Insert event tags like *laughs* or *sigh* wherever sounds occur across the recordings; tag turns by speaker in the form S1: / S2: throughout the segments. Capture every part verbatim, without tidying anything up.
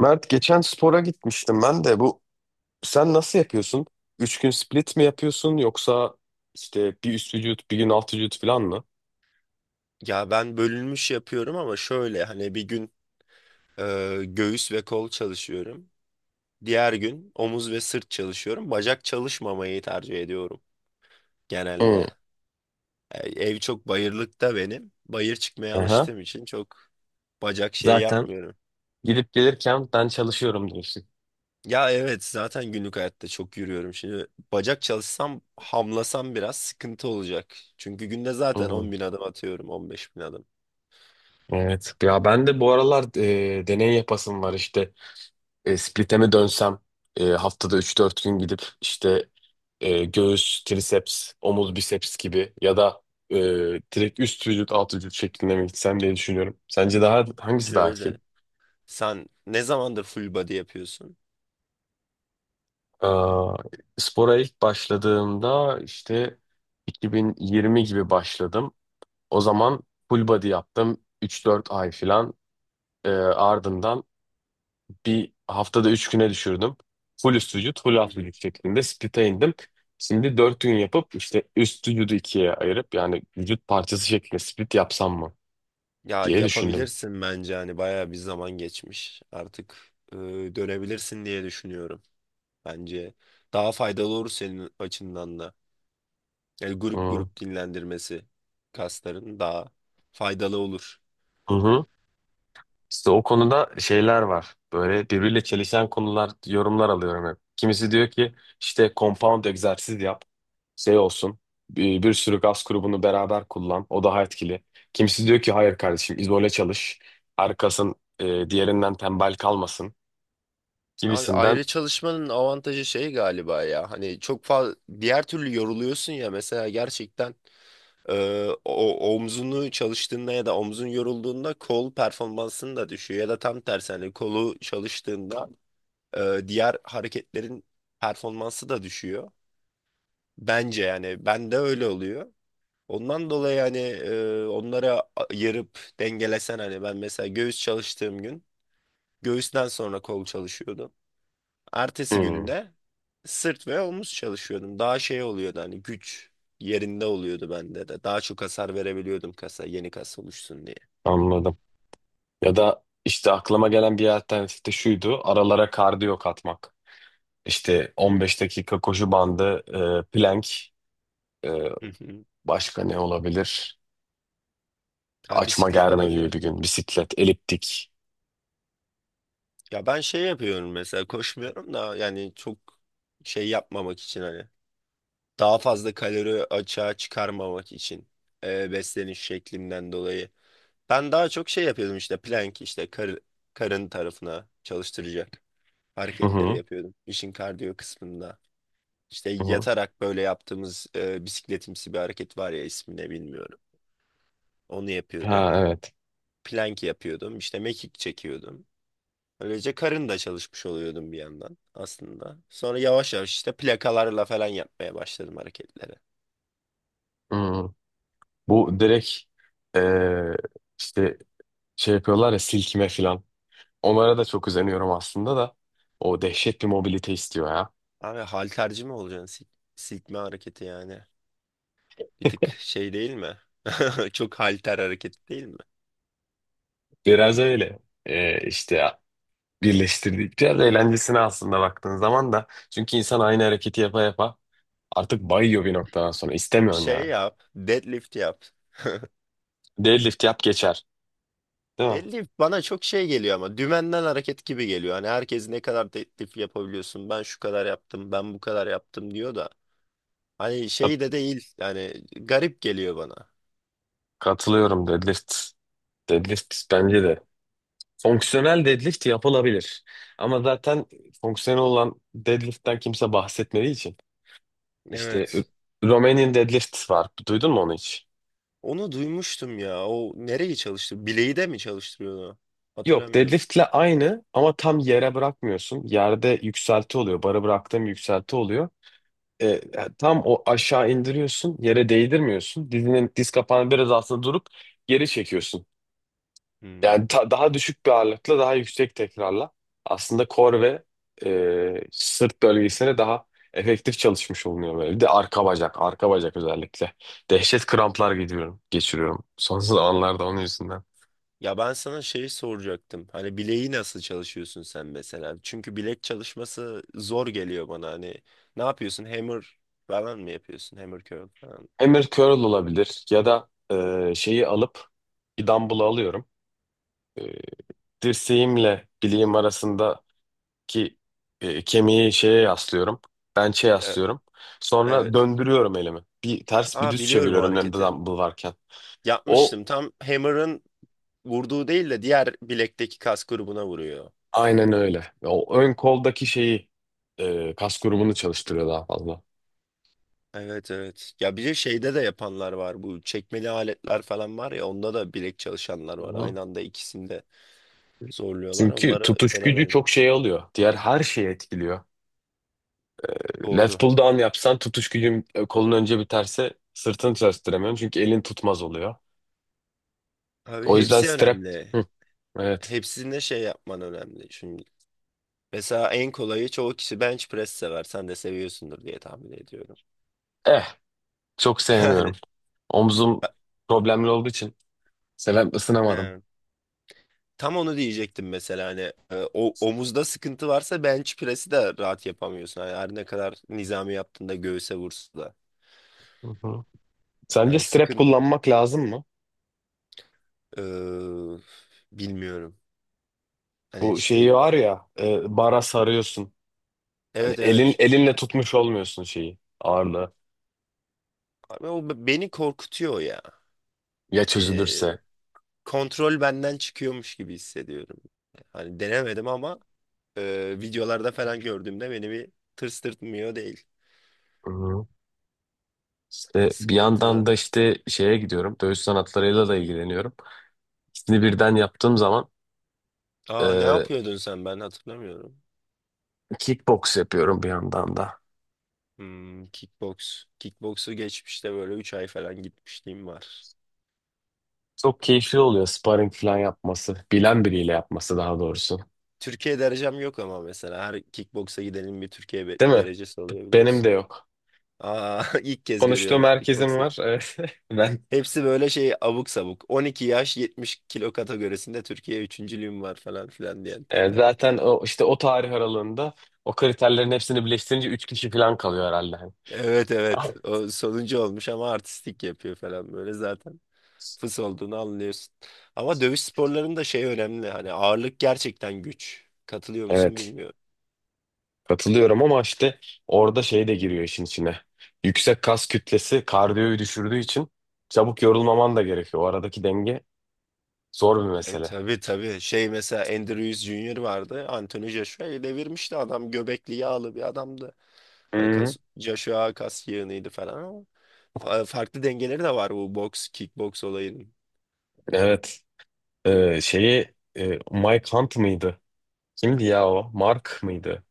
S1: Mert, geçen spora gitmiştim ben de bu. Sen nasıl yapıyorsun? Üç gün split mi yapıyorsun yoksa işte bir üst vücut bir gün alt vücut falan mı?
S2: Ya ben bölünmüş yapıyorum ama şöyle hani bir gün e, göğüs ve kol çalışıyorum. Diğer gün omuz ve sırt çalışıyorum. Bacak çalışmamayı tercih ediyorum
S1: Hı.
S2: genelde. E, ev çok bayırlıkta benim. Bayır çıkmaya
S1: Aha.
S2: alıştığım için çok bacak şey
S1: Zaten
S2: yapmıyorum.
S1: gidip gelirken ben çalışıyorum diyorsun.
S2: Ya evet zaten günlük hayatta çok yürüyorum. Şimdi bacak çalışsam hamlasam biraz sıkıntı olacak. Çünkü günde zaten
S1: Hı,
S2: 10 bin adım atıyorum, 15 bin adım.
S1: evet. Ya ben de bu aralar e, deney yapasım var işte. E, Split'e mi dönsem e, haftada üç dört gün gidip işte e, göğüs, triceps, omuz, biceps gibi ya da e, direkt üst vücut, alt vücut şeklinde mi gitsem diye düşünüyorum. Sence daha hangisi daha etkili?
S2: Şöyle, sen ne zamandır full body yapıyorsun?
S1: Aa, spora ilk başladığımda işte iki bin yirmi gibi başladım. O zaman full body yaptım üç dört ay falan. Ee, ardından bir haftada üç güne düşürdüm. Full üst vücut, full
S2: Hı
S1: alt
S2: hı.
S1: vücut şeklinde split'e indim. Şimdi dört gün yapıp işte üst vücudu ikiye ayırıp yani vücut parçası şeklinde split yapsam mı
S2: Ya
S1: diye düşündüm.
S2: yapabilirsin bence hani bayağı bir zaman geçmiş. Artık e, dönebilirsin diye düşünüyorum. Bence daha faydalı olur senin açından da. Yani grup
S1: Hı
S2: grup dinlendirmesi kasların daha faydalı olur.
S1: hı. Hı. İşte o konuda şeyler var. Böyle birbiriyle çelişen konular, yorumlar alıyorum hep. Kimisi diyor ki işte compound egzersiz yap, şey olsun. Bir, bir sürü gaz grubunu beraber kullan, o daha etkili. Kimisi diyor ki hayır kardeşim izole çalış. Arkasın e, diğerinden tembel kalmasın.
S2: Abi
S1: Gibisinden.
S2: ayrı çalışmanın avantajı şey galiba ya. Hani çok fazla diğer türlü yoruluyorsun ya mesela gerçekten. Ee, o omzunu çalıştığında ya da omzun yorulduğunda kol performansın da düşüyor, ya da tam tersi hani kolu çalıştığında e, diğer hareketlerin performansı da düşüyor. Bence yani ben de öyle oluyor. Ondan dolayı hani e, onlara ayırıp dengelesen, hani ben mesela göğüs çalıştığım gün göğüsten sonra kol çalışıyordum. Ertesi
S1: Hmm,
S2: günde sırt ve omuz çalışıyordum. Daha şey oluyordu hani, güç yerinde oluyordu bende de. Daha çok hasar verebiliyordum kasa, yeni kas oluşsun diye.
S1: anladım. Ya da işte aklıma gelen bir alternatif de şuydu. Aralara kardiyo katmak. İşte on beş dakika koşu bandı, e, plank, e,
S2: Hı hı.
S1: başka ne olabilir?
S2: Ha,
S1: Açma
S2: bisiklet
S1: germe gibi
S2: olabilir.
S1: bir gün. Bisiklet, eliptik.
S2: Ya ben şey yapıyorum mesela, koşmuyorum da yani çok şey yapmamak için hani, daha fazla kalori açığa çıkarmamak için e, besleniş şeklimden dolayı. Ben daha çok şey yapıyordum, işte plank, işte kar, karın tarafına çalıştıracak
S1: Hı
S2: hareketleri
S1: hı,
S2: yapıyordum işin kardiyo kısmında. İşte
S1: hı hı.
S2: yatarak böyle yaptığımız e, bisikletimsi bir hareket var ya, ismini bilmiyorum. Onu
S1: Ha,
S2: yapıyordum.
S1: evet.
S2: Plank yapıyordum. İşte mekik çekiyordum. Böylece karın da çalışmış oluyordum bir yandan aslında. Sonra yavaş yavaş işte plakalarla falan yapmaya başladım hareketleri.
S1: Hı. Bu direkt eee, işte şey yapıyorlar ya silkime falan. Onlara da çok özeniyorum aslında da. O dehşet bir mobilite istiyor ya.
S2: Abi halterci mi olacaksın? Sil silkme hareketi yani. Bir tık şey değil mi? *laughs* Çok halter hareketi değil mi?
S1: Biraz öyle. Eee işte birleştirdikçe biraz eğlencesine aslında baktığın zaman da. Çünkü insan aynı hareketi yapa yapa artık bayıyor bir noktadan sonra. İstemiyorsun
S2: Şey
S1: yani.
S2: yap. Deadlift yap.
S1: Deadlift yap geçer. Değil mi?
S2: Deli bana çok şey geliyor ama, dümenden hareket gibi geliyor. Hani herkes ne kadar teklif yapabiliyorsun? Ben şu kadar yaptım, ben bu kadar yaptım diyor da. Hani şey de
S1: Kat-
S2: değil. Yani garip geliyor bana.
S1: Katılıyorum deadlift. Deadlift bence de. Fonksiyonel deadlift yapılabilir. Ama zaten fonksiyonel olan deadlift'ten kimse bahsetmediği için. İşte
S2: Evet.
S1: Romanian deadlift var. Duydun mu onu hiç?
S2: Onu duymuştum ya. O nereye çalıştı? Bileği de mi çalıştırıyordu?
S1: Yok,
S2: Hatırlamıyorum.
S1: deadliftle aynı ama tam yere bırakmıyorsun. Yerde yükselti oluyor. Bara bıraktığım yükselti oluyor. E, e, tam o aşağı indiriyorsun. Yere değdirmiyorsun. Dizinin diz kapağını biraz altında durup geri çekiyorsun. Yani
S2: Hmm.
S1: ta- daha düşük bir ağırlıkla daha yüksek tekrarla aslında kor ve e, sırt bölgesine daha efektif çalışmış olunuyor böyle. Bir de arka bacak, arka bacak özellikle. Dehşet kramplar geçiriyorum, geçiriyorum son zamanlarda onun yüzünden.
S2: Ya ben sana şeyi soracaktım. Hani bileği nasıl çalışıyorsun sen mesela? Çünkü bilek çalışması zor geliyor bana. Hani ne yapıyorsun? Hammer falan mı yapıyorsun? Hammer curl falan.
S1: Hammer curl olabilir ya da e, şeyi alıp bir dumbbell alıyorum. E, dirseğimle bileğim arasındaki e, kemiği şeye yaslıyorum. Bench'e
S2: Ya,
S1: yaslıyorum. Sonra
S2: evet.
S1: döndürüyorum elimi. Bir ters bir
S2: Aa,
S1: düz
S2: biliyorum o
S1: çeviriyorum elimde
S2: hareketi.
S1: dumbbell varken. O
S2: Yapmıştım. Tam Hammer'ın vurduğu değil de diğer bilekteki kas grubuna vuruyor.
S1: aynen öyle. O ön koldaki şeyi e, kas grubunu çalıştırıyor daha fazla.
S2: Evet, evet. Ya bir de şeyde de yapanlar var. Bu çekmeli aletler falan var ya, onda da bilek çalışanlar var.
S1: Hı.
S2: Aynı anda ikisini de zorluyorlar.
S1: Çünkü
S2: Onları
S1: tutuş gücü
S2: denemedim
S1: çok
S2: henüz.
S1: şey alıyor. Diğer her şeyi etkiliyor. Left
S2: Doğru.
S1: pull down yapsan tutuş gücün e, kolun önce biterse sırtını çalıştıramıyorum. Çünkü elin tutmaz oluyor.
S2: Abi
S1: O yüzden
S2: hepsi
S1: strap.
S2: önemli.
S1: Hı, evet.
S2: Hepsinde şey yapman önemli. Şimdi mesela en kolayı, çoğu kişi bench press sever. Sen de seviyorsundur diye tahmin ediyorum.
S1: Eh, çok
S2: *laughs*
S1: sevmiyorum.
S2: Yani.
S1: Omzum problemli olduğu için seven ısınamadım.
S2: He. Tam onu diyecektim mesela hani e, o omuzda sıkıntı varsa bench press'i de rahat yapamıyorsun. Yani her ne kadar nizami yaptığında göğüse vursa da.
S1: Hı hı. Sence
S2: Yani
S1: strap
S2: sıkıntı
S1: kullanmak lazım mı?
S2: e, bilmiyorum. Hani
S1: Bu şeyi
S2: şey,
S1: var ya e, bara sarıyorsun. Yani
S2: evet
S1: elin
S2: evet.
S1: elinle tutmuş olmuyorsun şeyi ağırlığı.
S2: Abi o be- beni korkutuyor ya.
S1: Ya
S2: E,
S1: çözülürse.
S2: kontrol benden çıkıyormuş gibi hissediyorum. Hani denemedim ama e, videolarda falan gördüğümde beni bir tırstırtmıyor değil.
S1: Hı.
S2: Hani
S1: İşte bir yandan
S2: sıkıntılı.
S1: da işte şeye gidiyorum. Dövüş sanatlarıyla da ilgileniyorum. İkisini birden yaptığım zaman
S2: Aa, ne
S1: e,
S2: yapıyordun sen, ben hatırlamıyorum.
S1: kickbox yapıyorum bir yandan da.
S2: Hmm, kickbox. Kickboksu geçmişte böyle üç ay falan gitmişliğim var.
S1: Çok keyifli oluyor sparring falan yapması. Bilen biriyle yapması daha doğrusu.
S2: Türkiye derecem yok ama mesela her kickboksa gidenin bir Türkiye be-
S1: Değil mi?
S2: derecesi
S1: B-
S2: oluyor
S1: Benim
S2: biliyorsun.
S1: de yok.
S2: Aa, *laughs* ilk kez
S1: Konuştuğum
S2: görüyorum
S1: herkesin
S2: kickboksu.
S1: var. *laughs* Evet. Ben
S2: Hepsi böyle şey, abuk sabuk. On iki yaş yetmiş kilo kategorisinde Türkiye üçüncülüğüm var falan filan diyen
S1: e,
S2: tipler.
S1: zaten o işte o tarih aralığında o kriterlerin hepsini birleştirince üç kişi falan kalıyor herhalde.
S2: Evet, evet.
S1: *laughs*
S2: O sonuncu olmuş ama artistik yapıyor falan böyle zaten. Fıs olduğunu anlıyorsun. Ama dövüş sporlarında şey önemli. Hani ağırlık gerçekten güç. Katılıyor musun
S1: Evet.
S2: bilmiyorum.
S1: Katılıyorum ama işte orada şey de giriyor işin içine. Yüksek kas kütlesi kardiyoyu düşürdüğü için çabuk yorulmaman da gerekiyor. O aradaki denge zor bir
S2: E
S1: mesele.
S2: tabii, tabii. Şey mesela, Andrews Junior vardı. Anthony Joshua'yı devirmişti adam. Göbekli, yağlı bir adamdı. Hani
S1: Hı-hı.
S2: kas, Joshua kas yığınıydı falan ama fa- farklı dengeleri de var bu boks, kickboks olayının.
S1: Evet. Ee, şeyi e, Mike Hunt mıydı? Kimdi ya o? Mark mıydı?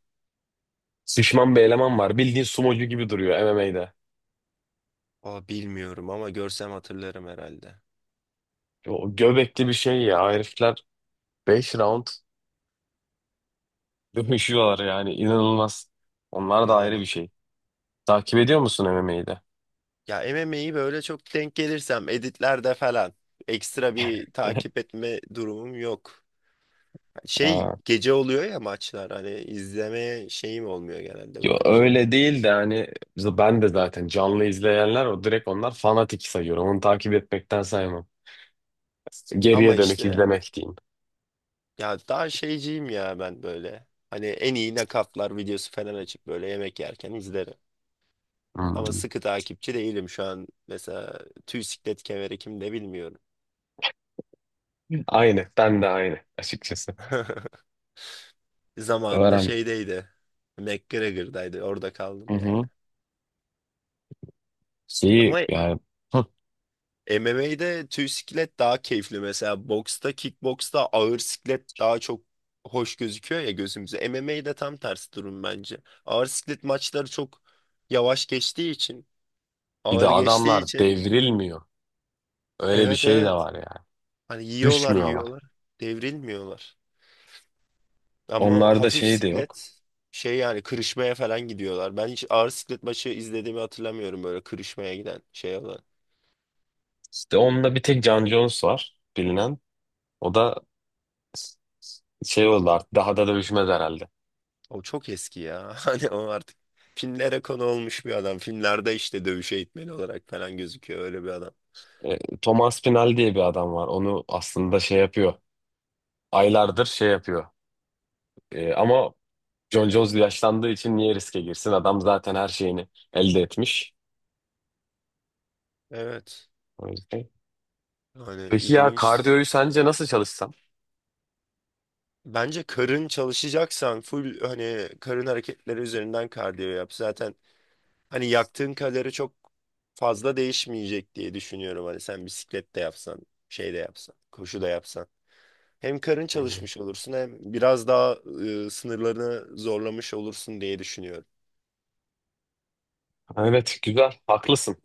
S1: Şişman bir eleman var. Bildiğin sumocu gibi duruyor M M A'de.
S2: Aa, bilmiyorum ama görsem hatırlarım herhalde.
S1: O göbekli bir şey ya. Herifler beş round *laughs* dövüşüyorlar yani. İnanılmaz. Onlar da ayrı bir
S2: Yani
S1: şey. Takip ediyor musun M M A'de?
S2: ya M M A'yi böyle çok denk gelirsem editlerde falan, ekstra bir takip etme durumum yok. Şey
S1: *laughs*
S2: gece oluyor ya maçlar, hani izlemeye şeyim olmuyor genelde
S1: Yo,
S2: uyku
S1: öyle
S2: düzenimde.
S1: değil de hani z- ben de zaten canlı izleyenler o direkt onlar fanatik sayıyorum. Onu takip etmekten saymam.
S2: Ama
S1: Geriye dönük
S2: işte,
S1: izlemek diyeyim.
S2: ya daha şeyciyim ya ben böyle. Hani en iyi nakaflar videosu falan açıp böyle yemek yerken izlerim. Ama
S1: Hmm.
S2: sıkı takipçi değilim şu an. Mesela tüy siklet kemeri kimde bilmiyorum.
S1: Aynı. Ben de aynı açıkçası.
S2: *laughs* Zamanında
S1: Öğren.
S2: şeydeydi. McGregor'daydı. Orada
S1: Hı
S2: kaldım yani.
S1: hı. Şeyi
S2: Ama
S1: yani hı.
S2: M M A'de tüy siklet daha keyifli. Mesela boksta, kickboksta ağır siklet daha çok hoş gözüküyor ya gözümüze. M M A'de tam tersi durum bence. Ağır siklet maçları çok yavaş geçtiği için,
S1: Bir de
S2: ağır geçtiği
S1: adamlar
S2: için.
S1: devrilmiyor. Öyle bir
S2: Evet,
S1: şey de
S2: evet.
S1: var yani.
S2: Hani yiyorlar
S1: Düşmüyorlar.
S2: yiyorlar. Devrilmiyorlar. Ama
S1: Onlarda
S2: hafif
S1: şey de yok.
S2: siklet şey yani, kırışmaya falan gidiyorlar. Ben hiç ağır siklet maçı izlediğimi hatırlamıyorum böyle kırışmaya giden şey olan.
S1: İşte onda bir tek Jon Jones var bilinen. O da şey oldu artık daha da dövüşmez herhalde.
S2: O çok eski ya. *laughs* Hani o artık filmlere konu olmuş bir adam. Filmlerde işte dövüş eğitmeni olarak falan gözüküyor öyle bir adam.
S1: E, Thomas Pinal diye bir adam var. Onu aslında şey yapıyor. Aylardır şey yapıyor. E, ama John Jones yaşlandığı için niye riske girsin? Adam zaten her şeyini elde etmiş.
S2: Evet.
S1: O yüzden.
S2: Hani
S1: Peki ya
S2: ilginç.
S1: kardiyoyu sence nasıl çalışsam?
S2: Bence karın çalışacaksan full, hani karın hareketleri üzerinden kardiyo yap. Zaten hani yaktığın kalori çok fazla değişmeyecek diye düşünüyorum. Hani sen bisiklet de yapsan, şey de yapsan, koşu da yapsan, hem karın
S1: Hmm.
S2: çalışmış olursun hem biraz daha e, sınırlarını zorlamış olursun diye düşünüyorum.
S1: Evet, güzel haklısın.